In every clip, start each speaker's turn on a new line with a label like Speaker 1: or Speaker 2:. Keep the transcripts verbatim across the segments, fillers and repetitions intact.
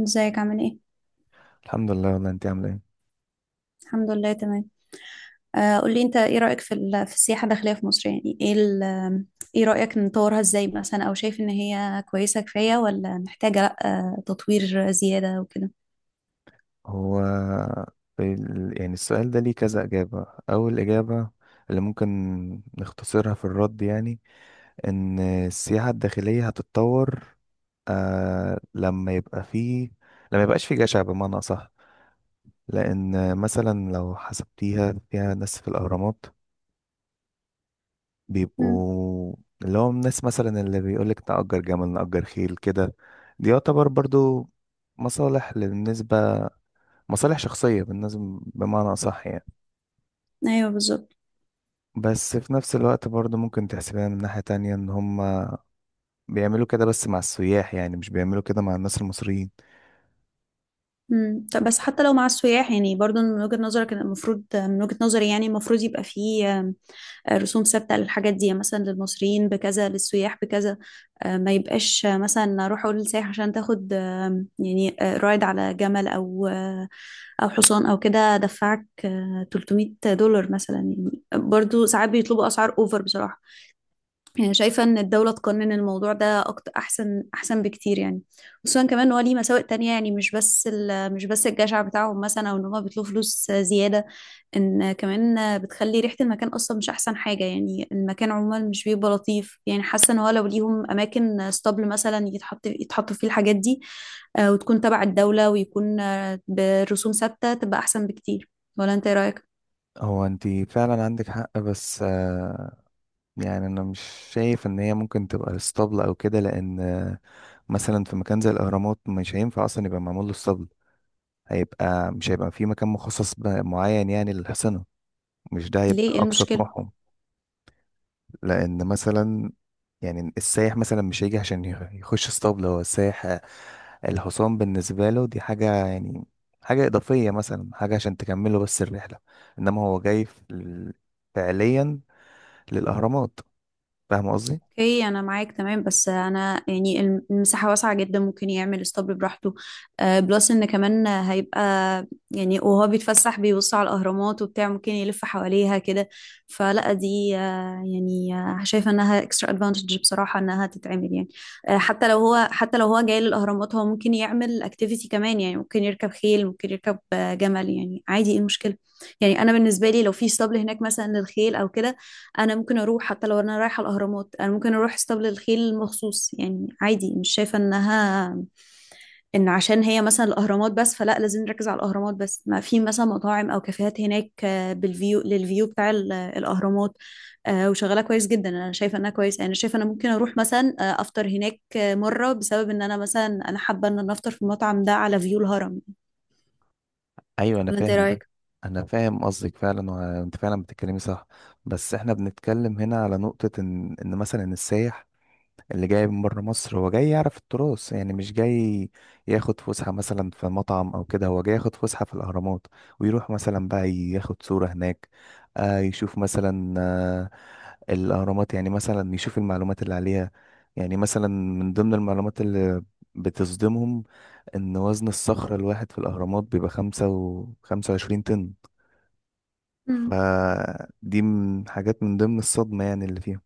Speaker 1: ازيك عامل ايه؟
Speaker 2: الحمد لله، والله انت عامله ايه؟
Speaker 1: الحمد لله تمام. آه قولي انت ايه رأيك في ال- في السياحة الداخلية في مصر، يعني ايه ال- ايه رأيك نطورها ازاي، مثلا او شايف ان هي كويسة كفاية ولا محتاجة، لا آه تطوير زيادة وكده.
Speaker 2: هو ال- يعني السؤال ده ليه كذا اجابه. اول اجابه اللي ممكن نختصرها في الرد يعني ان السياحه الداخليه هتتطور، آه لما يبقى فيه لما يبقاش فيه جشع بمعنى اصح. لان مثلا لو حسبتيها فيها ناس في الاهرامات
Speaker 1: امم.
Speaker 2: بيبقوا، اللي هو الناس مثلا اللي بيقولك نأجر جمل، نأجر خيل كده، دي يعتبر برضو مصالح بالنسبة مصالح شخصية بالنسبة، بمعنى صح يعني.
Speaker 1: ايوه بالظبط.
Speaker 2: بس في نفس الوقت برضه ممكن تحسبها من ناحية تانية ان هم بيعملوا كده بس مع السياح، يعني مش بيعملوا كده مع الناس المصريين.
Speaker 1: امم طب بس حتى لو مع السياح، يعني برضو من وجهة نظرك إن المفروض، من وجهة نظري يعني المفروض يبقى فيه، آه، آه، رسوم ثابته للحاجات دي، يعني مثلا للمصريين بكذا للسياح بكذا. آه، ما يبقاش آه، مثلا اروح اقول للسائح عشان تاخد، آه، يعني آه، رايد على جمل، او آه، او حصان او كده، دفعك آه، تلتميت دولار مثلا. يعني برضو ساعات بيطلبوا اسعار اوفر بصراحه. يعني شايفة إن الدولة تقنن الموضوع ده أكتر، أحسن، أحسن بكتير. يعني خصوصا كمان إن هو ليه مساوئ تانية، يعني مش بس ال- مش بس الجشع بتاعهم، مثلا، أو إن هما بيطلبوا فلوس زيادة. إن كمان بتخلي ريحة المكان أصلا مش أحسن حاجة، يعني المكان عموما مش بيبقى لطيف. يعني حاسة إن هو لو ليهم أماكن ستابل مثلا يتحط يتحطوا فيه الحاجات دي، آه، وتكون تبع الدولة ويكون آه، برسوم ثابتة، تبقى أحسن بكتير. ولا أنت إيه رأيك؟
Speaker 2: هو انت فعلا عندك حق، بس آه، يعني انا مش شايف ان هي ممكن تبقى اسطبل او كده، لان آه، مثلا في مكان زي الاهرامات مش هينفع اصلا يبقى معمول له اسطبل. هيبقى مش هيبقى في مكان مخصص ب- معين يعني للحصنة. مش ده
Speaker 1: ليه
Speaker 2: هيبقى
Speaker 1: إيه
Speaker 2: اقصى
Speaker 1: المشكلة؟
Speaker 2: طموحهم. لان مثلا يعني السايح مثلا مش هيجي عشان يخ- يخش اسطبل. هو السايح الحصان بالنسبه له دي حاجه يعني، حاجه اضافيه مثلا، حاجه عشان تكمله بس الرحله. انما هو جاي في ال- فعليا للاهرامات. فاهم قصدي؟
Speaker 1: اوكي انا معاك تمام، بس انا يعني الم- المساحه واسعه جدا، ممكن يعمل اسطبل براحته، آه، بلس ان كمان هيبقى، يعني وهو بيتفسح بيبص على الاهرامات وبتاع، ممكن يلف حواليها كده. فلا دي آه، يعني آه، شايفه انها اكسترا ادفانتج بصراحه انها تتعمل، يعني آه، حتى لو هو حتى لو هو جاي للاهرامات، هو ممكن يعمل اكتيفيتي كمان. يعني ممكن يركب خيل، ممكن يركب آه، جمل، يعني عادي، ايه المشكله؟ يعني انا بالنسبه لي، لو في اسطبل هناك مثلا للخيل او كده، انا ممكن اروح حتى لو انا رايحه الاهرامات، انا ممكن اروح اسطبل الخيل مخصوص، يعني عادي. مش شايفه انها، ان عشان هي مثلا الاهرامات بس فلا لازم نركز على الاهرامات بس. ما في مثلا مطاعم او كافيهات هناك، آه، بالفيو للفيو بتاع ال- الاهرامات، آه، وشغاله كويس جدا. انا شايفه انها كويس، يعني انا شايفه انا ممكن اروح مثلا آه، افطر هناك آه، مره، بسبب ان انا مثلا انا حابه ان انا افطر في المطعم ده على فيو الهرم.
Speaker 2: ايوه، انا
Speaker 1: ولا انت إيه
Speaker 2: فاهم ده.
Speaker 1: رايك؟
Speaker 2: انا فاهم قصدك فعلا، وانت فعلا بتتكلمي صح. بس احنا بنتكلم هنا على نقطه ان ان مثلا السايح اللي جاي من بره مصر هو جاي يعرف التراث يعني، مش جاي ياخد فسحة مثلا في مطعم أو كده. هو جاي ياخد فسحة في الأهرامات، ويروح مثلا بقى ياخد صورة هناك. آه يشوف مثلا آه الأهرامات، يعني مثلا يشوف المعلومات اللي عليها. يعني مثلا من ضمن المعلومات اللي بتصدمهم إن وزن الصخرة الواحد في الأهرامات بيبقى خمسة وخمسة وعشرين طن. فدي من حاجات من ضمن الصدمة يعني اللي فيها.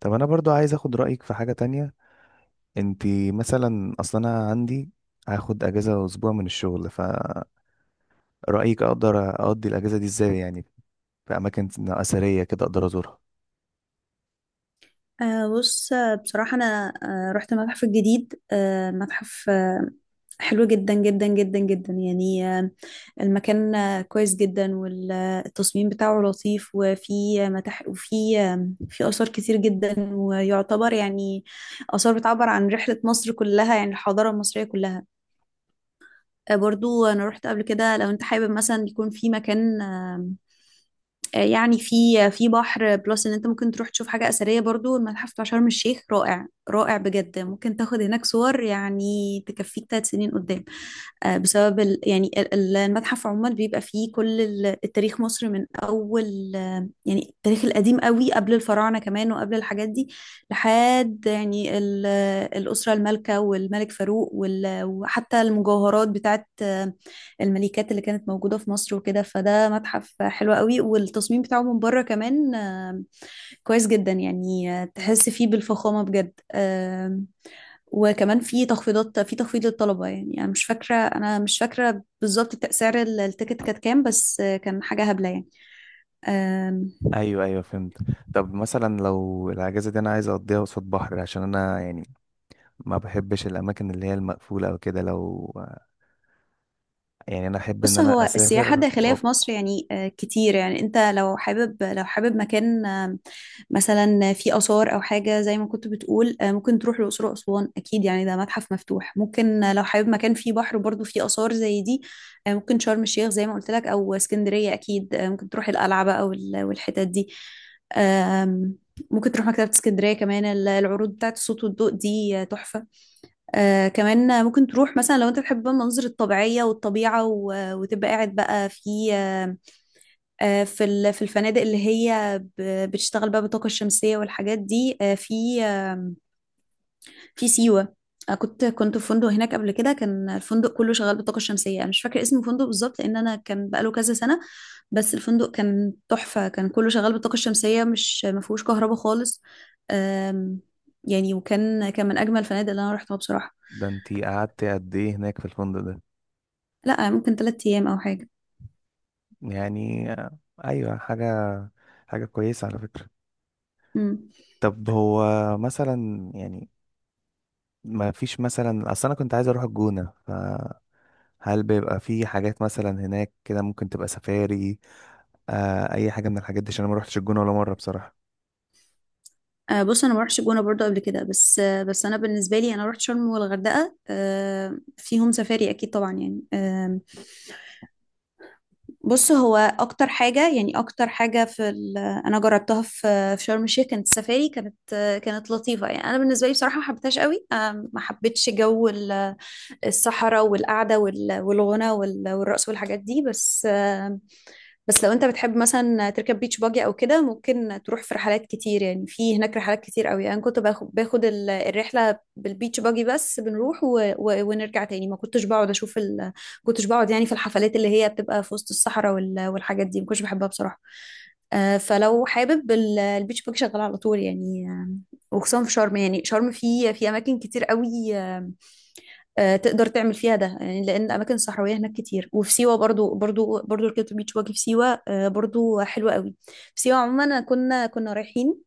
Speaker 2: طب أنا برضو عايز أخد رأيك في حاجة تانية. انتي مثلا، اصلا انا عندي هاخد اجازه اسبوع من الشغل، فرايك اقدر اقضي الاجازه دي ازاي يعني؟ في اماكن اثريه كده اقدر ازورها؟
Speaker 1: آه بص آه، بصراحة أنا آه رحت المتحف الجديد، آه متحف آه حلو جدا جدا جدا جدا، يعني آه المكان آه كويس جدا، والتصميم بتاعه لطيف، وفي آه، متاح، وفي آه في آثار كتير جدا، ويعتبر يعني آثار بتعبر عن رحلة مصر كلها، يعني الحضارة المصرية كلها. آه برضو أنا رحت قبل كده، لو أنت حابب مثلا يكون في مكان آه، آه، يعني في، في بحر، بلس ان انت ممكن تروح تشوف حاجة أثرية برضو، المتحف بتاع شرم الشيخ رائع رائع بجد، ممكن تاخد هناك صور يعني تكفيك ثلاث سنين قدام. آه، بسبب ال يعني ال- ال- المتحف عموما بيبقى فيه كل ال- التاريخ، مصر من أول آه، يعني التاريخ القديم قوي قبل الفراعنة كمان وقبل الحاجات دي، لحد يعني ال- آه، الأسرة المالكة والملك فاروق وال- وحتى المجوهرات بتاعت الملكات اللي كانت موجودة في مصر وكده. فده متحف حلو قوي، والتصميم بتاعه من بره كمان آه، كويس جدا، يعني آه، تحس فيه بالفخامة بجد. آم، وكمان في تخفيضات، في تخفيض للطلبة. يعني أنا مش فاكرة، أنا مش فاكرة بالظبط سعر ال- التيكت كانت كام، بس آه، كان حاجة هبلة يعني. آم،
Speaker 2: ايوه، ايوه، فهمت. طب مثلا لو الاجازه دي انا عايز اقضيها قصاد بحر عشان انا يعني ما بحبش الاماكن اللي هي المقفوله او كده، لو يعني انا احب ان
Speaker 1: بص
Speaker 2: انا
Speaker 1: هو السياحة
Speaker 2: اسافر
Speaker 1: الداخلية
Speaker 2: و...
Speaker 1: في مصر يعني آه، كتير. يعني انت لو حابب، لو حابب مكان آه، مثلا فيه آثار أو حاجة زي ما كنت بتقول، آه، ممكن تروح الأقصر وأسوان أكيد، يعني ده متحف مفتوح. ممكن آه، لو حابب مكان فيه بحر، برضو فيه آثار زي دي، آه، ممكن شرم الشيخ زي ما قلت لك، أو اسكندرية أكيد، آه، ممكن تروح القلعة أو والحتت دي. آم، ممكن تروح مكتبة اسكندرية كمان، ال- العروض بتاعت الصوت والضوء دي آه، تحفة. آه كمان ممكن تروح مثلا، لو انت بتحب بقى المناظر الطبيعية والطبيعة، و- وتبقى قاعد بقى في آه آه، في ال- في الفنادق اللي هي ب- بتشتغل بقى بالطاقة الشمسية والحاجات دي، آه في آه في سيوة. آه كنت كنت في فندق هناك قبل كده، كان الفندق كله شغال بالطاقة الشمسية. انا مش فاكرة اسم الفندق بالظبط، لان انا كان بقاله كذا سنة. بس الفندق كان تحفة، كان كله شغال بالطاقة الشمسية، مش ما فيهوش كهرباء خالص. آم، يعني وكان كان من اجمل الفنادق اللي انا رحتها بصراحة.
Speaker 2: ده انتي قعدت قد ايه هناك في الفندق ده؟
Speaker 1: لا ممكن ثلاثة ايام او حاجة.
Speaker 2: يعني ايوه، حاجه حاجه كويسه على فكره.
Speaker 1: امم.
Speaker 2: طب هو مثلا يعني ما فيش مثلا، اصل انا كنت عايز اروح الجونة، فهل بيبقى في حاجات مثلا هناك كده ممكن تبقى سفاري؟ آه اي حاجة من الحاجات دي، عشان انا ما روحتش الجونة ولا مرة بصراحة.
Speaker 1: آه بص انا ما رحتش الجونه برضو قبل كده، بس آه بس انا بالنسبه لي، انا رحت شرم والغردقه، آه فيهم سفاري اكيد طبعا، يعني آه بص هو اكتر حاجه، يعني اكتر حاجه في ال- انا جربتها في في شرم الشيخ، كانت السفاري كانت آه كانت لطيفه. يعني انا بالنسبه لي بصراحه ما حبيتهاش قوي، آه ما حبيتش جو ال- الصحراء والقعده وال- والغنى وال- والرقص والحاجات دي، بس. بس لو انت بتحب مثلا تركب بيتش باجي او كده، ممكن تروح في رحلات كتير، يعني في هناك رحلات كتير قوي. انا يعني كنت باخد باخد ال- الرحله بالبيتش باجي، بس بنروح و... و... ونرجع تاني، ما كنتش بقعد اشوف ال... كنتش بقعد يعني في الحفلات اللي هي بتبقى في وسط الصحراء وال... والحاجات دي، ما كنتش بحبها بصراحه. آه، فلو حابب ال- البيتش باجي شغال على طول، يعني آه، وخصوصا في شرم. يعني شرم في في اماكن كتير قوي آه، تقدر تعمل فيها ده، يعني لان اماكن صحراويه هناك كتير. وفي سيوه برضو برضو برضو ركبت بيتش باجي في سيوه، آه، برضو حلوه قوي. في سيوه عموما كنا كنا رايحين،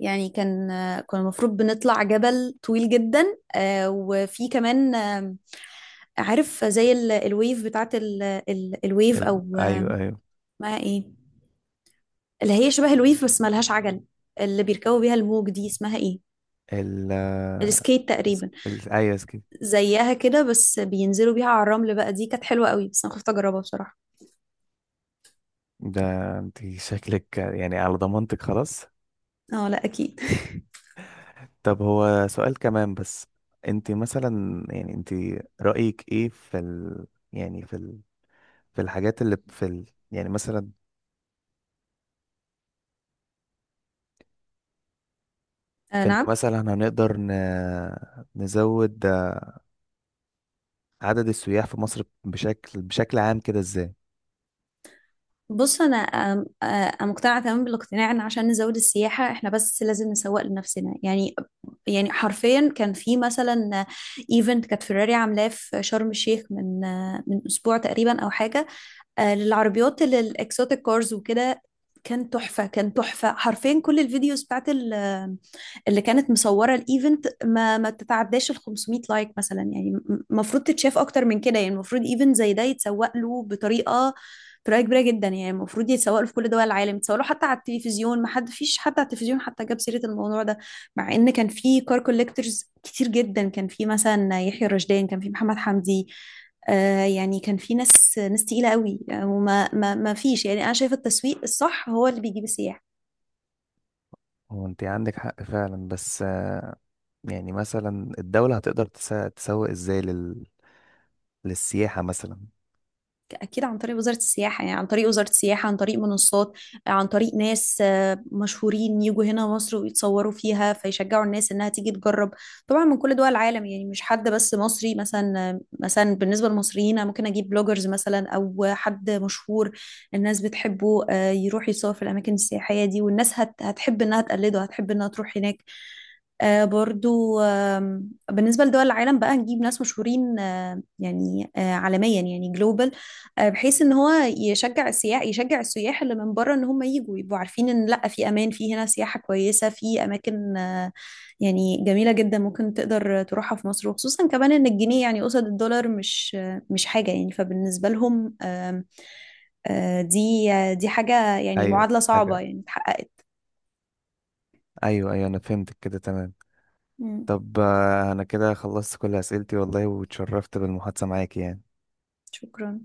Speaker 1: يعني كان آه، كان المفروض بنطلع جبل طويل جدا، آه، وفي كمان آه، عارف زي ال- الويف بتاعت ال- ال- الويف
Speaker 2: ال...
Speaker 1: او آه،
Speaker 2: ايوه، ايوه.
Speaker 1: اسمها ايه، اللي هي شبه الويف بس مالهاش عجل، اللي بيركبوا بيها الموج دي اسمها ايه؟
Speaker 2: ال آه،
Speaker 1: السكيت
Speaker 2: اس-
Speaker 1: تقريبا.
Speaker 2: ال ايوه اسكي.
Speaker 1: زيها كده بس بينزلوا بيها على الرمل بقى، دي كانت حلوه قوي، بس انا خفت اجربها بصراحه.
Speaker 2: ده انت شكلك يعني على ضمانتك خلاص.
Speaker 1: اه لا اكيد.
Speaker 2: طب هو سؤال كمان بس. انت مثلا يعني، انت رأيك ايه في ال... يعني في ال... في الحاجات اللي في ال... يعني مثلا
Speaker 1: آه
Speaker 2: في ان
Speaker 1: نعم.
Speaker 2: مثلا هنقدر ن... نزود عدد السياح في مصر بشكل بشكل عام كده ازاي؟
Speaker 1: بص انا آم، آه، مقتنعه تماما بالاقتناع ان عشان نزود السياحه، احنا بس لازم نسوق لنفسنا. يعني يعني حرفيا كان في مثلا ايفنت كانت فيراري عاملاه في شرم الشيخ، من آه، من اسبوع تقريبا او حاجه، آه، للعربيات اللي الاكسوتيك كارز وكده. كان تحفة، كان تحفة حرفيا. كل الفيديوز بتاعت ال- اللي كانت مصورة الايفنت، ما ما تتعداش ال خمسمائة لايك مثلا. يعني م- المفروض تتشاف اكتر من كده. يعني المفروض ايفنت زي ده يتسوق له بطريقة، طريقة كبيرة جدا. يعني المفروض يتسوق له في كل دول العالم، يتسوق له حتى على التلفزيون. ما حد فيش حد على التلفزيون حتى جاب سيرة الموضوع ده، مع ان كان في كار كوليكتورز كتير جدا. كان في مثلا يحيى الرشدان، كان في محمد حمدي، آه، يعني كان في ناس ناس تقيلة قوي، آه، وما ما ما فيش. يعني أنا شايفة التسويق الصح هو اللي بيجيب السياح.
Speaker 2: هو انت عندك حق فعلا، بس آه، يعني مثلا الدولة هتقدر تسا- تسوق ازاي لل... للسياحة مثلا؟
Speaker 1: اكيد عن طريق وزارة السياحة، يعني عن طريق وزارة السياحة، عن طريق منصات، عن طريق ناس آه، مشهورين، يجوا هنا مصر ويتصوروا فيها، فيشجعوا الناس انها تيجي تجرب. طبعا من كل دول العالم، يعني مش حد بس مصري مثلا، آه، مثلا بالنسبة للمصريين، أنا ممكن اجيب بلوجرز مثلا او حد مشهور الناس بتحبه، آه، يروح يصور في الاماكن السياحية دي، والناس هت- هتحب انها تقلده، هتحب انها تروح هناك آه، برضو. آم، بالنسبة لدول العالم بقى نجيب ناس مشهورين، آه، يعني آه، عالميا، يعني global، آه، بحيث ان هو يشجع السياح، يشجع السياح اللي من بره، ان هم يجوا يبقوا عارفين ان لا، في امان، في هنا سياحة كويسة، في اماكن آه، يعني جميلة جدا، ممكن تقدر تروحها في مصر. وخصوصا كمان ان الجنيه يعني قصاد الدولار مش آه، مش حاجة يعني، فبالنسبة لهم آم، آه، دي آه، دي حاجة يعني
Speaker 2: ايوه
Speaker 1: معادلة صعبة
Speaker 2: حاجة،
Speaker 1: يعني اتحققت.
Speaker 2: ايوه، ايوه، انا فهمتك كده تمام.
Speaker 1: مم.
Speaker 2: طب آه، انا كده خلصت كل اسئلتي والله، واتشرفت بالمحادثة معاك يعني.
Speaker 1: شكرا.